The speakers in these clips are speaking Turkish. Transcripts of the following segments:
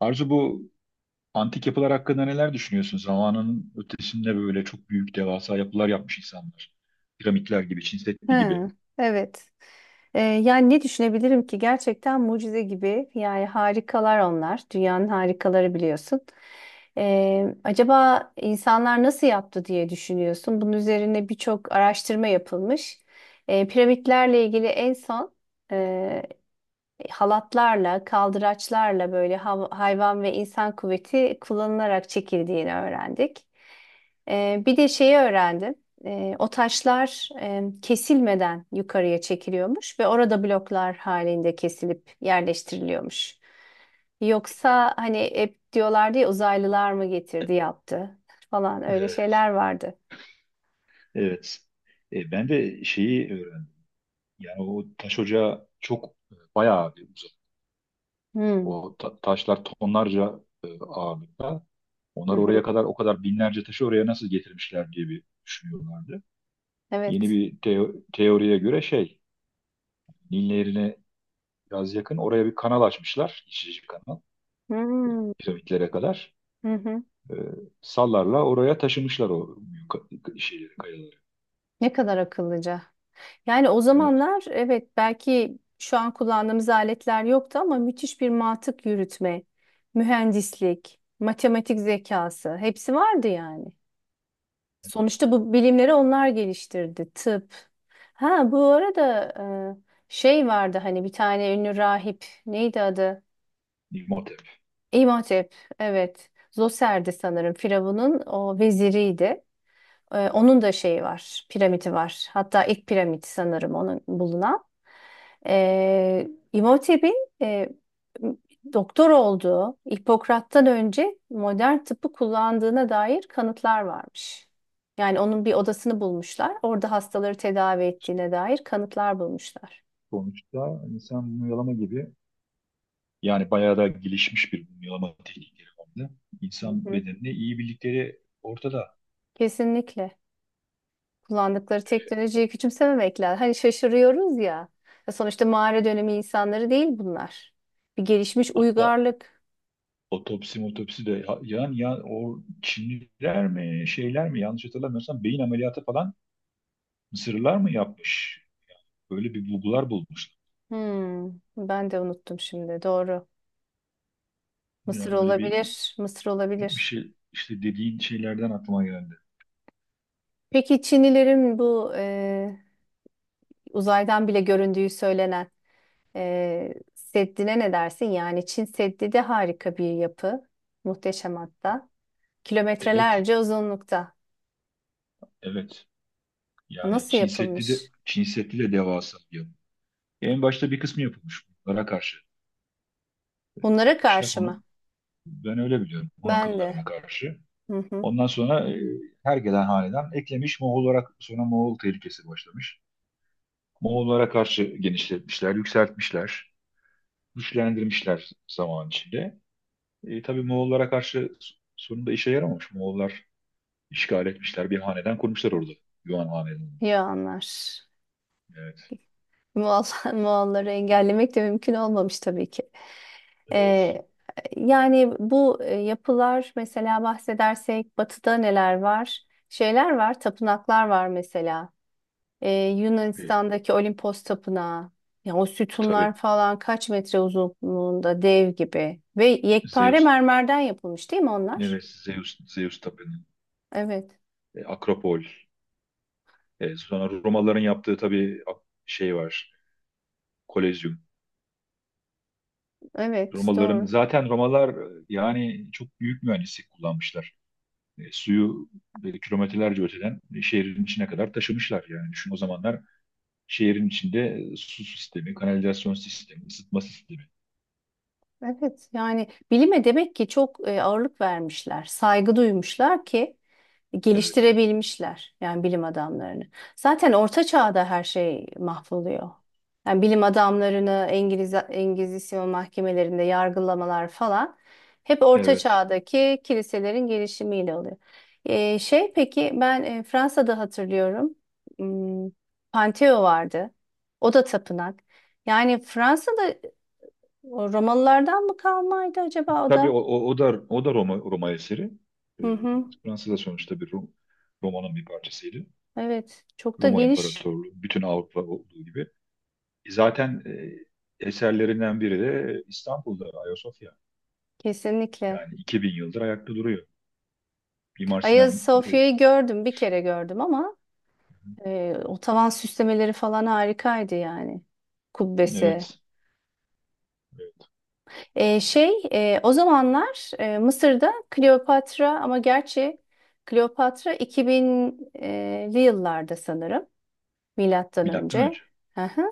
Arzu, bu antik yapılar hakkında neler düşünüyorsun? Zamanın ötesinde böyle çok büyük devasa yapılar yapmış insanlar. Piramitler gibi, Çin Seddi gibi. Hı, evet. Yani ne düşünebilirim ki gerçekten mucize gibi yani harikalar onlar dünyanın harikaları biliyorsun. Acaba insanlar nasıl yaptı diye düşünüyorsun. Bunun üzerine birçok araştırma yapılmış. Piramitlerle ilgili en son e, halatlarla, kaldıraçlarla böyle hayvan ve insan kuvveti kullanılarak çekildiğini öğrendik. Bir de şeyi öğrendim. O taşlar kesilmeden yukarıya çekiliyormuş ve orada bloklar halinde kesilip yerleştiriliyormuş. Yoksa hani hep diyorlardı ya uzaylılar mı getirdi yaptı falan öyle Evet. şeyler vardı. Evet. Ben de şeyi öğrendim. Yani o taş ocağı çok, bayağı bir uzak. Hmm. O taşlar tonlarca, ağırlıkta. Hı Onlar hı. oraya kadar o kadar binlerce taşı oraya nasıl getirmişler diye bir düşünüyorlardı. Yeni Evet. bir teoriye göre Nil Nehri'ne biraz yakın oraya bir kanal açmışlar, geçici kanal, Hmm. piramitlere kadar. Hı hı. E, sallarla oraya taşımışlar o büyük şeyleri, kayaları. Ne kadar akıllıca. Yani o Evet. zamanlar evet belki şu an kullandığımız aletler yoktu ama müthiş bir mantık yürütme, mühendislik, matematik zekası hepsi vardı yani. Sonuçta bu bilimleri onlar geliştirdi. Tıp. Ha bu arada şey vardı hani bir tane ünlü rahip neydi adı? İmhotep. İmhotep. Evet. Zoser'di sanırım Firavun'un o veziriydi. Onun da şeyi var, piramidi var. Hatta ilk piramit sanırım onun bulunan. Ee, İmam Hatip'in e, doktor olduğu, Hipokrat'tan önce modern tıbbı kullandığına dair kanıtlar varmış. Yani onun bir odasını bulmuşlar. Orada hastaları tedavi ettiğine dair kanıtlar bulmuşlar. Sonuçta insan mumyalama gibi, yani bayağı da gelişmiş bir mumyalama teknikleri vardı. Hı İnsan hı. bedenini iyi bildikleri ortada. Kesinlikle. Kullandıkları teknolojiyi küçümsememek lazım. Hani şaşırıyoruz ya. Ya sonuçta mağara dönemi insanları değil bunlar. Bir gelişmiş Hatta uygarlık. otopsi motopsi de yani, ya o Çinliler mi, şeyler mi, yanlış hatırlamıyorsam beyin ameliyatı falan, Mısırlılar mı yapmış? Böyle bir bulgular bulmuşlar. Hmm, ben de unuttum şimdi. Doğru. Mısır Yani böyle bir, olabilir. Mısır bir olabilir. şey işte, dediğin şeylerden aklıma geldi. Peki Çinlilerin bu uzaydan bile göründüğü söylenen Seddi'ne ne dersin? Yani Çin Seddi de harika bir yapı. Muhteşem hatta. Evet, Kilometrelerce uzunlukta. evet, yani Nasıl Çin Seddi de yapılmış? Çin Seddi de devasa bir yapı. En başta bir kısmı yapılmış, bunlara karşı Bunlara yapmışlar karşı bunu. mı? Ben öyle biliyorum, Hun Ben akımlarına de. karşı. Hı hı. Ondan sonra her gelen hanedan eklemiş Moğol olarak, sonra Moğol tehlikesi başlamış. Moğollara karşı genişletmişler, yükseltmişler, güçlendirmişler zaman içinde. Tabii Moğollara karşı sonunda işe yaramamış. Moğollar işgal etmişler, bir hanedan kurmuşlar orada. Yuan hanedanı. Ya anlar. Evet, Moğol, Moğolları engellemek de mümkün olmamış tabii ki. evet. Ee, yani bu yapılar mesela bahsedersek batıda neler var? Şeyler var, tapınaklar var mesela. Ee, E, Yunanistan'daki Olimpos Tapınağı. Ya o tabii sütunlar falan kaç metre uzunluğunda dev gibi. Ve yekpare Zeus, mermerden yapılmış değil mi onlar? evet, Zeus tapınağı, Evet, Akropol. Sonra Romalıların yaptığı, tabii, şey var, Kolezyum. evet Romalıların, doğru. zaten Romalılar, yani çok büyük mühendislik kullanmışlar. Suyu kilometrelerce öteden, şehrin içine kadar taşımışlar. Yani düşün, o zamanlar şehrin içinde su sistemi, kanalizasyon sistemi, ısıtma sistemi. Evet yani bilime demek ki çok ağırlık vermişler, saygı duymuşlar ki Evet, geliştirebilmişler yani bilim adamlarını. Zaten orta çağda her şey mahvoluyor. Yani bilim adamlarını Engizisyon mahkemelerinde yargılamalar falan hep orta evet. çağdaki kiliselerin gelişimiyle oluyor. Şey, peki ben Fransa'da hatırlıyorum, hmm, Pantheon vardı. O da tapınak. Yani Fransa'da o Romalılardan mı kalmaydı acaba o Tabii da? o da Roma eseri. E, Hı hı. Fransa da sonuçta bir Roma'nın bir parçasıydı. Evet. Çok da Roma geniş. İmparatorluğu, bütün Avrupa olduğu gibi. Zaten eserlerinden biri de İstanbul'da Ayasofya. Kesinlikle. Yani 2000 yıldır ayakta duruyor. Mimar Hagia Sinan. e, Sophia'yı gördüm. Bir kere gördüm ama o tavan süslemeleri falan harikaydı yani. Kubbesi. evet, evet. Şey, o zamanlar Mısır'da Kleopatra ama gerçi Kleopatra 2000'li yıllarda sanırım. Milattan Milattan önce. önce. Hı hı.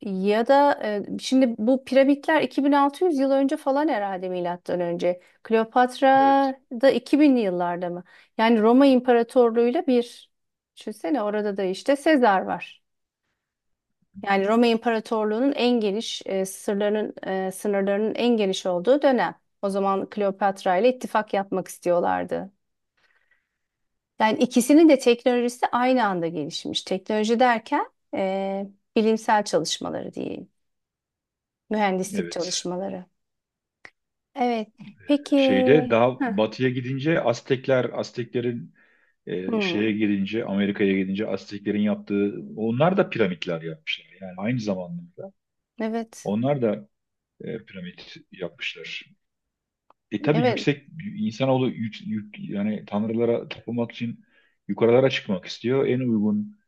Ya da şimdi bu piramitler 2600 yıl önce falan herhalde milattan önce. Kleopatra Evet. da 2000'li yıllarda mı? Yani Roma İmparatorluğu'yla bir. Düşünsene orada da işte Sezar var. Yani Roma İmparatorluğu'nun en geniş sırlarının sınırlarının en geniş olduğu dönem. O zaman Kleopatra ile ittifak yapmak istiyorlardı. Yani ikisinin de teknolojisi aynı anda gelişmiş. Teknoloji derken bilimsel çalışmaları diyeyim, mühendislik Evet. çalışmaları. Evet. Peki. Şeyde, daha Heh. batıya gidince, Aztekler, Azteklerin, e, Hmm, şeye gidince Amerika'ya gidince, Azteklerin yaptığı, onlar da piramitler yapmışlar. Yani aynı zamanda evet. onlar da piramit yapmışlar. Tabii Evet. yüksek, insanoğlu yani tanrılara tapınmak için yukarılara çıkmak istiyor. En uygun,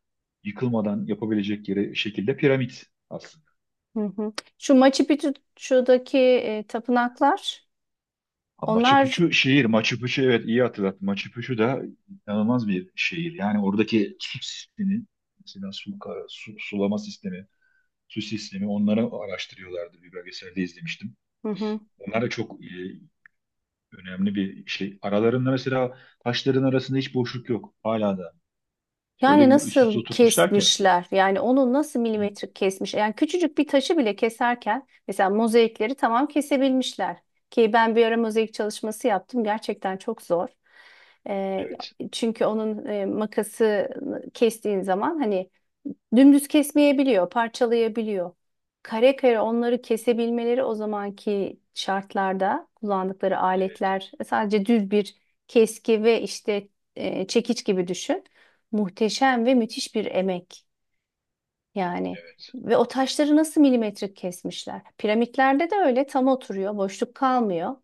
yıkılmadan yapabilecek yere şekilde piramit. Hı hı. Şu Machu Picchu'daki tapınaklar Ha, Machu onlar. Picchu şehir. Machu Picchu, evet, iyi hatırlattın. Machu Picchu da inanılmaz bir şehir. Yani oradaki su sistemi, mesela su, sulama sistemi, su sistemi, onları araştırıyorlardı. Bir belgeselde izlemiştim. Hı hı. Onlar da çok önemli bir şey. Aralarında, mesela taşların arasında hiç boşluk yok. Hala da. Öyle Yani bir üst üste nasıl oturtmuşlar ki. kesmişler? Yani onu nasıl Hı. milimetrik kesmiş? Yani küçücük bir taşı bile keserken mesela mozaikleri tamam kesebilmişler. Ki ben bir ara mozaik çalışması yaptım. Gerçekten çok zor. Ee, Evet. çünkü onun makası kestiğin zaman hani dümdüz kesmeyebiliyor, parçalayabiliyor. Kare kare onları kesebilmeleri o zamanki şartlarda kullandıkları Evet. aletler sadece düz bir keski ve işte çekiç gibi düşün. Muhteşem ve müthiş bir emek yani. Evet. Ve o taşları nasıl milimetrik kesmişler? Piramitlerde de öyle tam oturuyor, boşluk kalmıyor.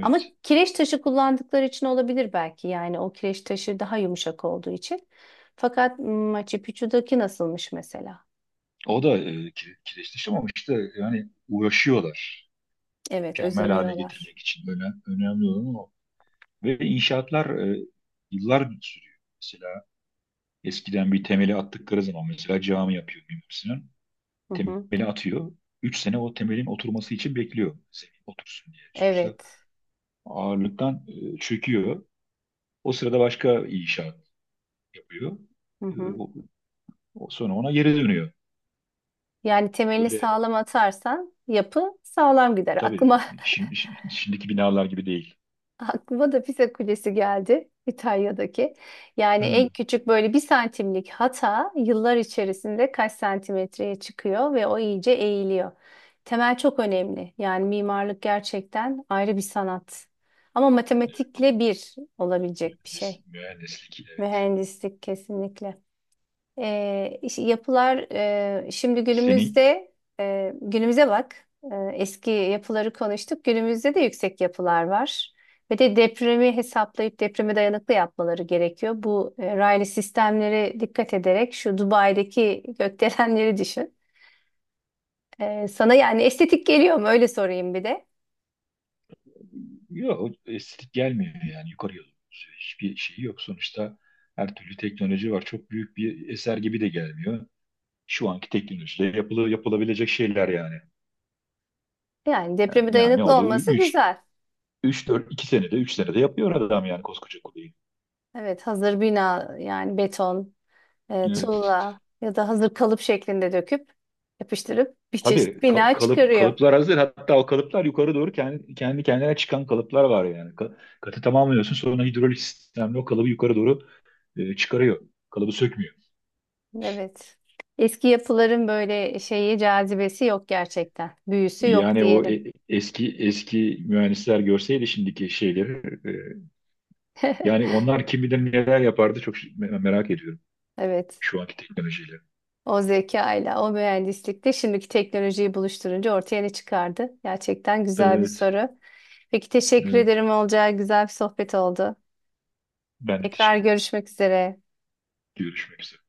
Ama kireç taşı kullandıkları için olabilir belki. Yani o kireç taşı daha yumuşak olduğu için. Fakat Machu Picchu'daki nasılmış mesela? O da kireçleşti, ama işte yani uğraşıyorlar. Evet, Mükemmel hale özeniyorlar. getirmek için. Önemli olan o. Ve inşaatlar e, yıllar sürüyor. Mesela eskiden bir temeli attıkları zaman, mesela cami yapıyor Mimar Sinan. Hı hı. Temeli atıyor. Üç sene o temelin oturması için bekliyor. Zemin otursun diye. Sonuçta Evet. ağırlıktan çöküyor. O sırada başka inşaat yapıyor. Hı E, hı. o- o sonra ona geri dönüyor. Yani temelini Böyle sağlam atarsan yapı sağlam gider. tabii, şimdi, şimdiki binalar gibi değil. Aklıma da Pisa Kulesi geldi İtalya'daki. Yani en Hmm. küçük böyle bir santimlik hata yıllar içerisinde kaç santimetreye çıkıyor ve o iyice eğiliyor. Temel çok önemli. Yani mimarlık gerçekten ayrı bir sanat. Ama matematikle bir olabilecek bir şey. Mühendislik, evet. Mühendislik kesinlikle. Yapılar şimdi Senin. günümüzde günümüze bak. Eski yapıları konuştuk. Günümüzde de yüksek yapılar var. Ve de depremi hesaplayıp depreme dayanıklı yapmaları gerekiyor. Bu raylı sistemlere dikkat ederek şu Dubai'deki gökdelenleri düşün. Sana yani estetik geliyor mu? Öyle sorayım bir de. Yok, o estetik gelmiyor, yani yukarı yolu hiçbir şey yok. Sonuçta her türlü teknoloji var. Çok büyük bir eser gibi de gelmiyor. Şu anki teknolojide yapılabilecek şeyler yani. Yani depreme Yani ne dayanıklı oluyor? olması 3 güzel. 3 4 2 senede, 3 senede yapıyor adam, yani koskoca kuleyi. Evet, hazır bina yani beton, Evet. tuğla ya da hazır kalıp şeklinde döküp yapıştırıp bir çeşit Tabii bina çıkarıyor. kalıplar hazır. Hatta o kalıplar yukarı doğru kendi kendine çıkan kalıplar var yani. Katı tamamlıyorsun, sonra hidrolik sistemle o kalıbı yukarı doğru çıkarıyor. Kalıbı sökmüyor. Evet. Eski yapıların böyle şeyi cazibesi yok gerçekten. Büyüsü yok Yani o diyelim. Eski eski mühendisler görseydi şimdiki şeyleri, e, yani onlar kim bilir neler yapardı, çok merak ediyorum Evet. şu anki teknolojiyle. O zekayla, o mühendislikte şimdiki teknolojiyi buluşturunca ortaya ne çıkardı? Gerçekten güzel bir Evet, soru. Peki teşekkür evet. ederim Olcay. Güzel bir sohbet oldu. Ben de Tekrar teşekkür. görüşmek üzere. Görüşmek üzere.